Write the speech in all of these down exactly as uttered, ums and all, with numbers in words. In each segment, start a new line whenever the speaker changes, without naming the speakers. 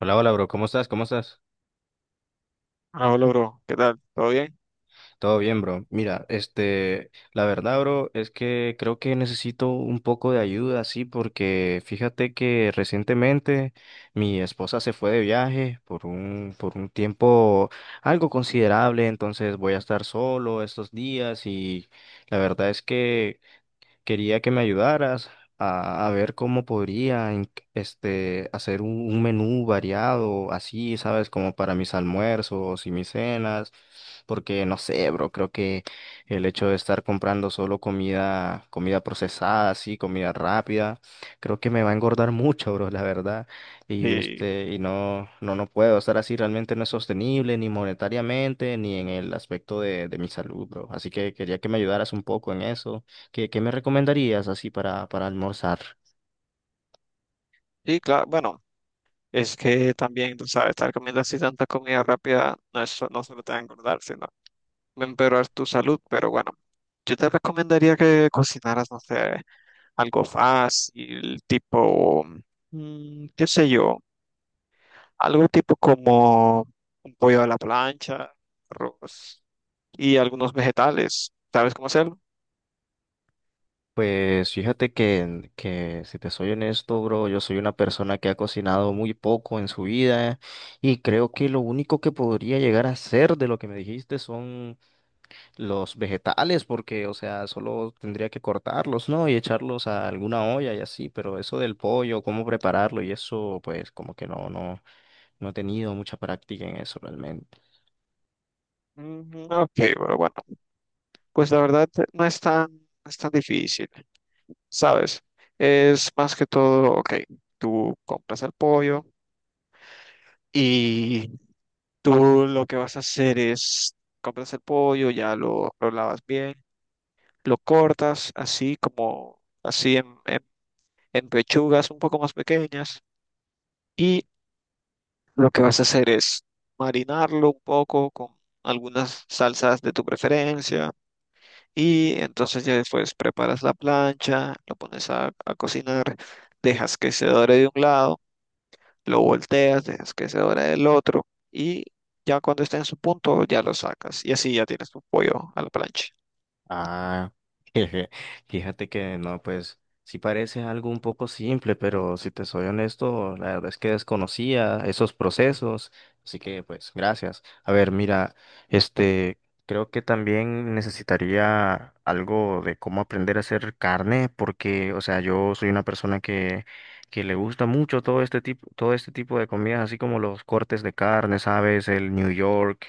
Hola, hola, bro. ¿Cómo estás? ¿Cómo estás?
Ah, hola, bro. ¿Qué tal? ¿Todo bien?
Todo bien, bro. Mira, este, la verdad, bro, es que creo que necesito un poco de ayuda, sí, porque fíjate que recientemente mi esposa se fue de viaje por un, por un tiempo algo considerable, entonces voy a estar solo estos días y la verdad es que quería que me ayudaras a, a ver cómo podría en- este, hacer un, un menú variado, así, ¿sabes? Como para mis almuerzos y mis cenas, porque no sé, bro, creo que el hecho de estar comprando solo comida, comida procesada, así, comida rápida, creo que me va a engordar mucho, bro, la verdad. Y
Y
este, y no, no, no puedo estar así, realmente no es sostenible, ni monetariamente, ni en el aspecto de, de mi salud, bro. Así que quería que me ayudaras un poco en eso. ¿Qué, qué me recomendarías así para, para almorzar?
sí, claro, bueno, es que también, tú sabes, estar comiendo así tanta comida rápida no, es, so- no solo te va a engordar, sino va a empeorar tu salud. Pero bueno, yo te recomendaría que cocinaras, no sé, algo fácil, tipo, mm, qué sé yo, algo tipo como un pollo a la plancha, arroz y algunos vegetales. ¿Sabes cómo hacerlo?
Pues fíjate que, que si te soy honesto, bro, yo soy una persona que ha cocinado muy poco en su vida y creo que lo único que podría llegar a hacer de lo que me dijiste son los vegetales, porque, o sea, solo tendría que cortarlos, ¿no? Y echarlos a alguna olla y así, pero eso del pollo, cómo prepararlo y eso, pues como que no, no, no he tenido mucha práctica en eso realmente.
Ujú. Ok, pero bueno, pues la verdad eh, no es tan, no es tan difícil. ¿Sabes? Es más que todo, ok, tú compras el pollo y tú lo que vas a hacer es, compras el pollo, ya lo, lo lavas bien, lo cortas así como, así en, en, en pechugas un poco más pequeñas y lo que vas a hacer es marinarlo un poco con algunas salsas de tu preferencia. Y entonces ya después preparas la plancha, lo pones a a cocinar, dejas que se dore de un lado, lo volteas, dejas que se dore el otro y ya cuando esté en su punto ya lo sacas y así ya tienes tu pollo a la plancha.
Ah, jeje, fíjate que no, pues sí parece algo un poco simple, pero si te soy honesto, la verdad es que desconocía esos procesos, así que pues gracias. A ver, mira, este, creo que también necesitaría algo de cómo aprender a hacer carne, porque, o sea, yo soy una persona que, que le gusta mucho todo este tipo, todo este tipo de comidas, así como los cortes de carne, ¿sabes? El New York,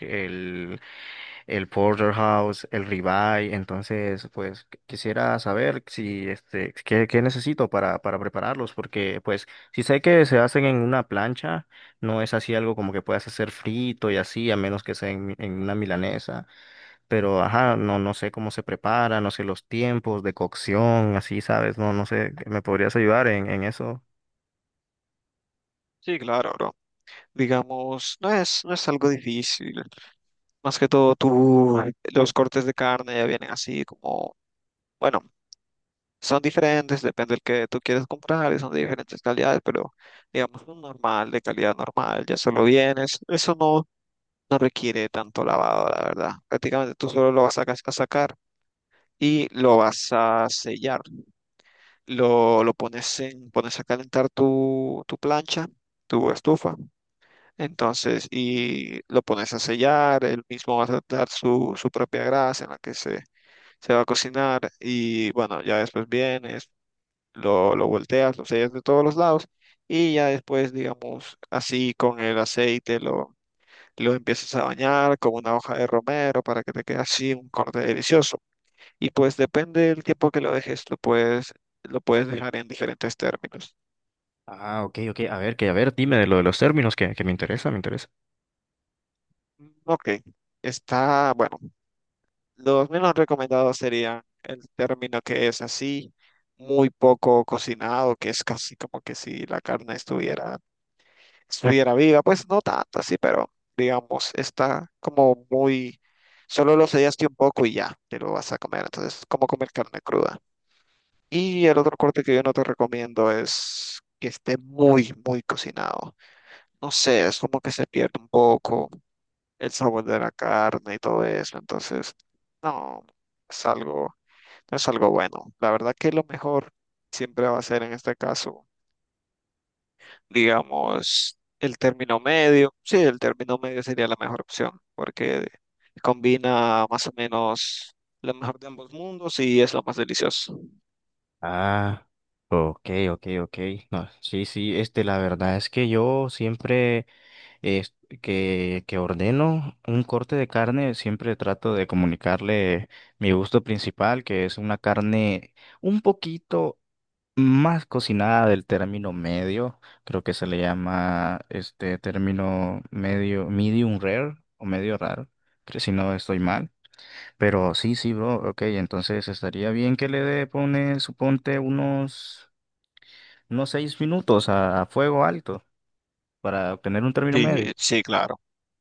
el porterhouse, el ribeye. Entonces, pues qu- quisiera saber si este qué, qué necesito para, para prepararlos, porque pues si sé que se hacen en una plancha, no es así algo como que puedas hacer frito y así, a menos que sea en, mi- en una milanesa. Pero ajá, no, no sé cómo se prepara, no sé los tiempos de cocción, así, ¿sabes? No, no sé, ¿me podrías ayudar en, en eso?
Sí, claro, bro. Digamos, no es, no es algo difícil. Más que todo, tú, los cortes de carne ya vienen así como, bueno, son diferentes, depende del que tú quieres comprar, y son de diferentes calidades, pero digamos, un normal, de calidad normal, ya solo vienes. Eso no, no requiere tanto lavado, la verdad. Prácticamente tú solo lo vas a, ca- a sacar y lo vas a sellar. Lo, lo pones en, pones a calentar tu, tu plancha, tu estufa, entonces, y lo pones a sellar, él mismo va a dar su, su propia grasa en la que se, se va a cocinar, y bueno, ya después vienes, lo, lo volteas, lo sellas de todos los lados, y ya después, digamos, así con el aceite lo... Lo empiezas a bañar con una hoja de romero para que te quede así un corte delicioso. Y pues depende del tiempo que lo dejes, lo puedes, lo puedes dejar en diferentes términos.
Ah, ok, ok. A ver, que a ver, dime de lo de los términos que, que me interesa, me interesa.
Ok, está, bueno, los menos recomendados serían el término que es así, muy poco cocinado, que es casi como que si la carne estuviera, estuviera viva, pues no tanto así, pero digamos, está como muy, solo lo sellaste un poco y ya, te lo vas a comer, entonces es como comer carne cruda. Y el otro corte que yo no te recomiendo es que esté muy, muy cocinado. No sé, es como que se pierde un poco el sabor de la carne y todo eso. Entonces, no, es algo, no es algo bueno. La verdad que lo mejor siempre va a ser en este caso, digamos, el término medio. Sí, el término medio sería la mejor opción porque combina más o menos lo mejor de ambos mundos y es lo más delicioso.
Ah, ok, ok, ok. No, sí, sí, este, la verdad es que yo siempre es- que, que ordeno un corte de carne, siempre trato de comunicarle mi gusto principal, que es una carne un poquito más cocinada del término medio, creo que se le llama este término medio, medium rare o medio raro, creo, si no estoy mal. Pero sí, sí, bro, ok, entonces estaría bien que le dé, pone, suponte, unos, unos seis minutos a, a fuego alto para obtener un término
Sí,
medio.
sí, claro.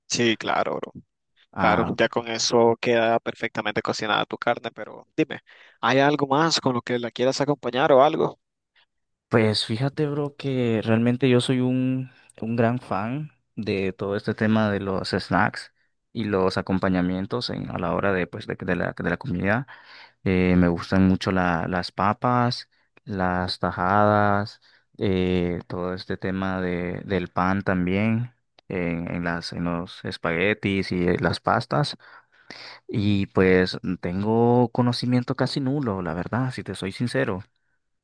Sí, claro, bro. Claro,
Ah,
ya con eso queda perfectamente cocinada tu carne, pero dime, ¿hay algo más con lo que la quieras acompañar o algo?
pues fíjate, bro, que realmente yo soy un, un gran fan de todo este tema de los snacks y los acompañamientos en, a la hora de, pues, de, de la, de la comida. Eh, me gustan mucho la- las papas, las tajadas, eh, todo este tema de, del pan también, en, en las, en los espaguetis y eh, las pastas. Y pues mm, tengo conocimiento casi nulo, la verdad, si te soy sincero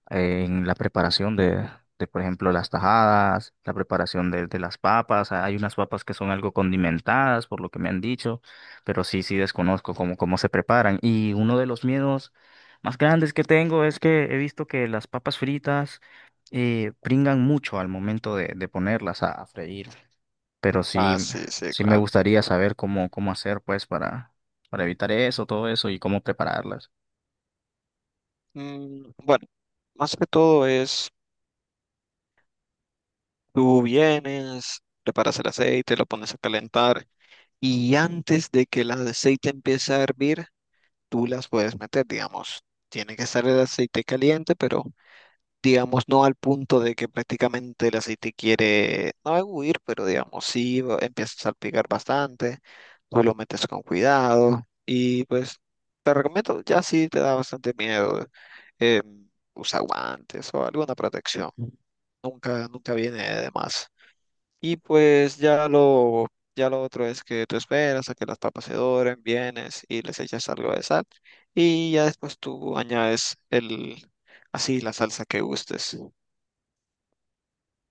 en la preparación de, de, por ejemplo, las tajadas, la preparación de, de las papas. Hay unas papas que son algo condimentadas, por lo que me han dicho, pero sí, sí desconozco cómo, cómo se preparan. Y uno de los miedos más grandes que tengo es que he visto que las papas fritas eh, pringan mucho al momento de, de ponerlas a, a freír. Pero sí,
Ah, sí, sí,
sí me
claro.
gustaría saber cómo, cómo hacer, pues, para, para evitar eso, todo eso y cómo prepararlas.
Mm, bueno, más que todo es, tú vienes, preparas el aceite, lo pones a calentar y antes de que el aceite empiece a hervir, tú las puedes meter, digamos. Tiene que estar el aceite caliente, pero digamos, no al punto de que prácticamente el aceite quiere, no huir, pero digamos, sí va- empieza a salpicar bastante, tú lo metes con cuidado y pues te recomiendo, ya sí te da bastante miedo, eh, usa guantes o alguna protección, nunca, nunca viene de más. Y pues ya lo, ya lo otro es que tú esperas a que las papas se doren, vienes y les echas algo de sal y ya después tú añades el, así la salsa que gustes.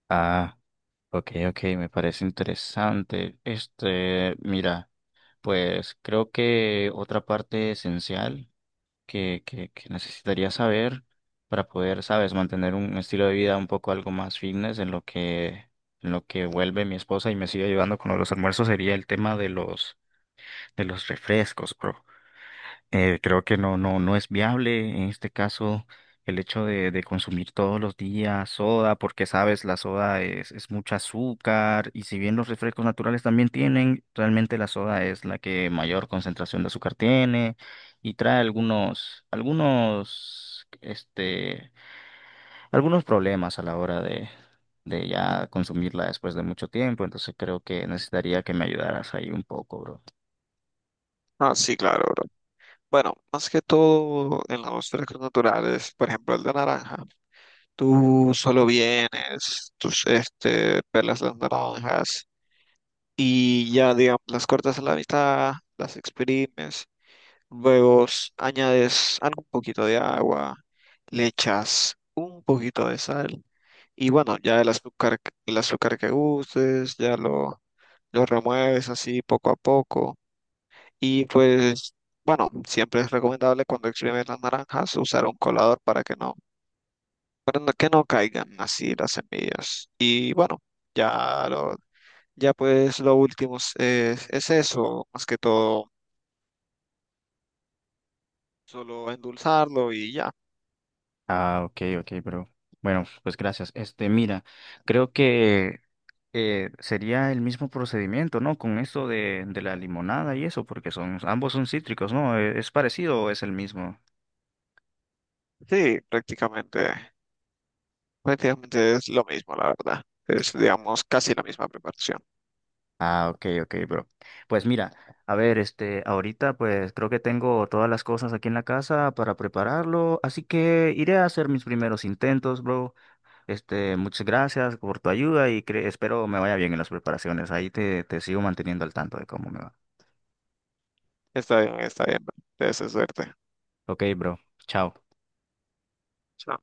Ah. Ok, ok, me parece interesante. Este, mira, pues creo que otra parte esencial que, que, que necesitaría saber para poder, sabes, mantener un estilo de vida un poco algo más fitness en lo que, en lo que vuelve mi esposa y me sigue ayudando con los almuerzos sería el tema de los, de los refrescos, bro. Eh, creo que no, no, no es viable en este caso el hecho de, de consumir todos los días soda, porque sabes, la soda es, es mucho azúcar y si bien los refrescos naturales también tienen, realmente la soda es la que mayor concentración de azúcar tiene y trae algunos, algunos, este, algunos problemas a la hora de, de ya consumirla después de mucho tiempo, entonces creo que necesitaría que me ayudaras ahí un poco, bro.
Ah, sí, claro, bro. Bueno, más que todo en los frescos naturales, por ejemplo, el de naranja. Tú solo vienes, tus, este, pelas las naranjas y ya, digamos, las cortas a la mitad, las exprimes, luego s- añades algún poquito de agua, le echas un poquito de sal y bueno, ya el azúcar, el azúcar que gustes, ya lo, lo remueves así poco a poco y pues, bueno, siempre es recomendable cuando exprimes las naranjas usar un colador para que no, para no- que no caigan así las semillas. Y bueno, ya lo, ya pues lo último es, es es eso, más que todo, solo endulzarlo y ya.
Ah, ok, ok, bro. Bueno, pues gracias. Este, mira, creo que eh, sería el mismo procedimiento, ¿no? Con esto de, de la limonada y eso, porque son, ambos son cítricos, ¿no? ¿E- Es parecido o es el mismo?
Sí, prácticamente, prácticamente es lo mismo, la verdad. Es, digamos, casi la misma preparación.
Ah, ok, ok, bro. Pues mira, a ver, este, ahorita pues creo que tengo todas las cosas aquí en la casa para prepararlo, así que iré a hacer mis primeros intentos, bro. Este, muchas gracias por tu ayuda y cre- espero me vaya bien en las preparaciones. Ahí te, te sigo manteniendo al tanto de cómo me va.
Está bien, está bien. Te suerte.
Ok, bro. Chao.
Chao.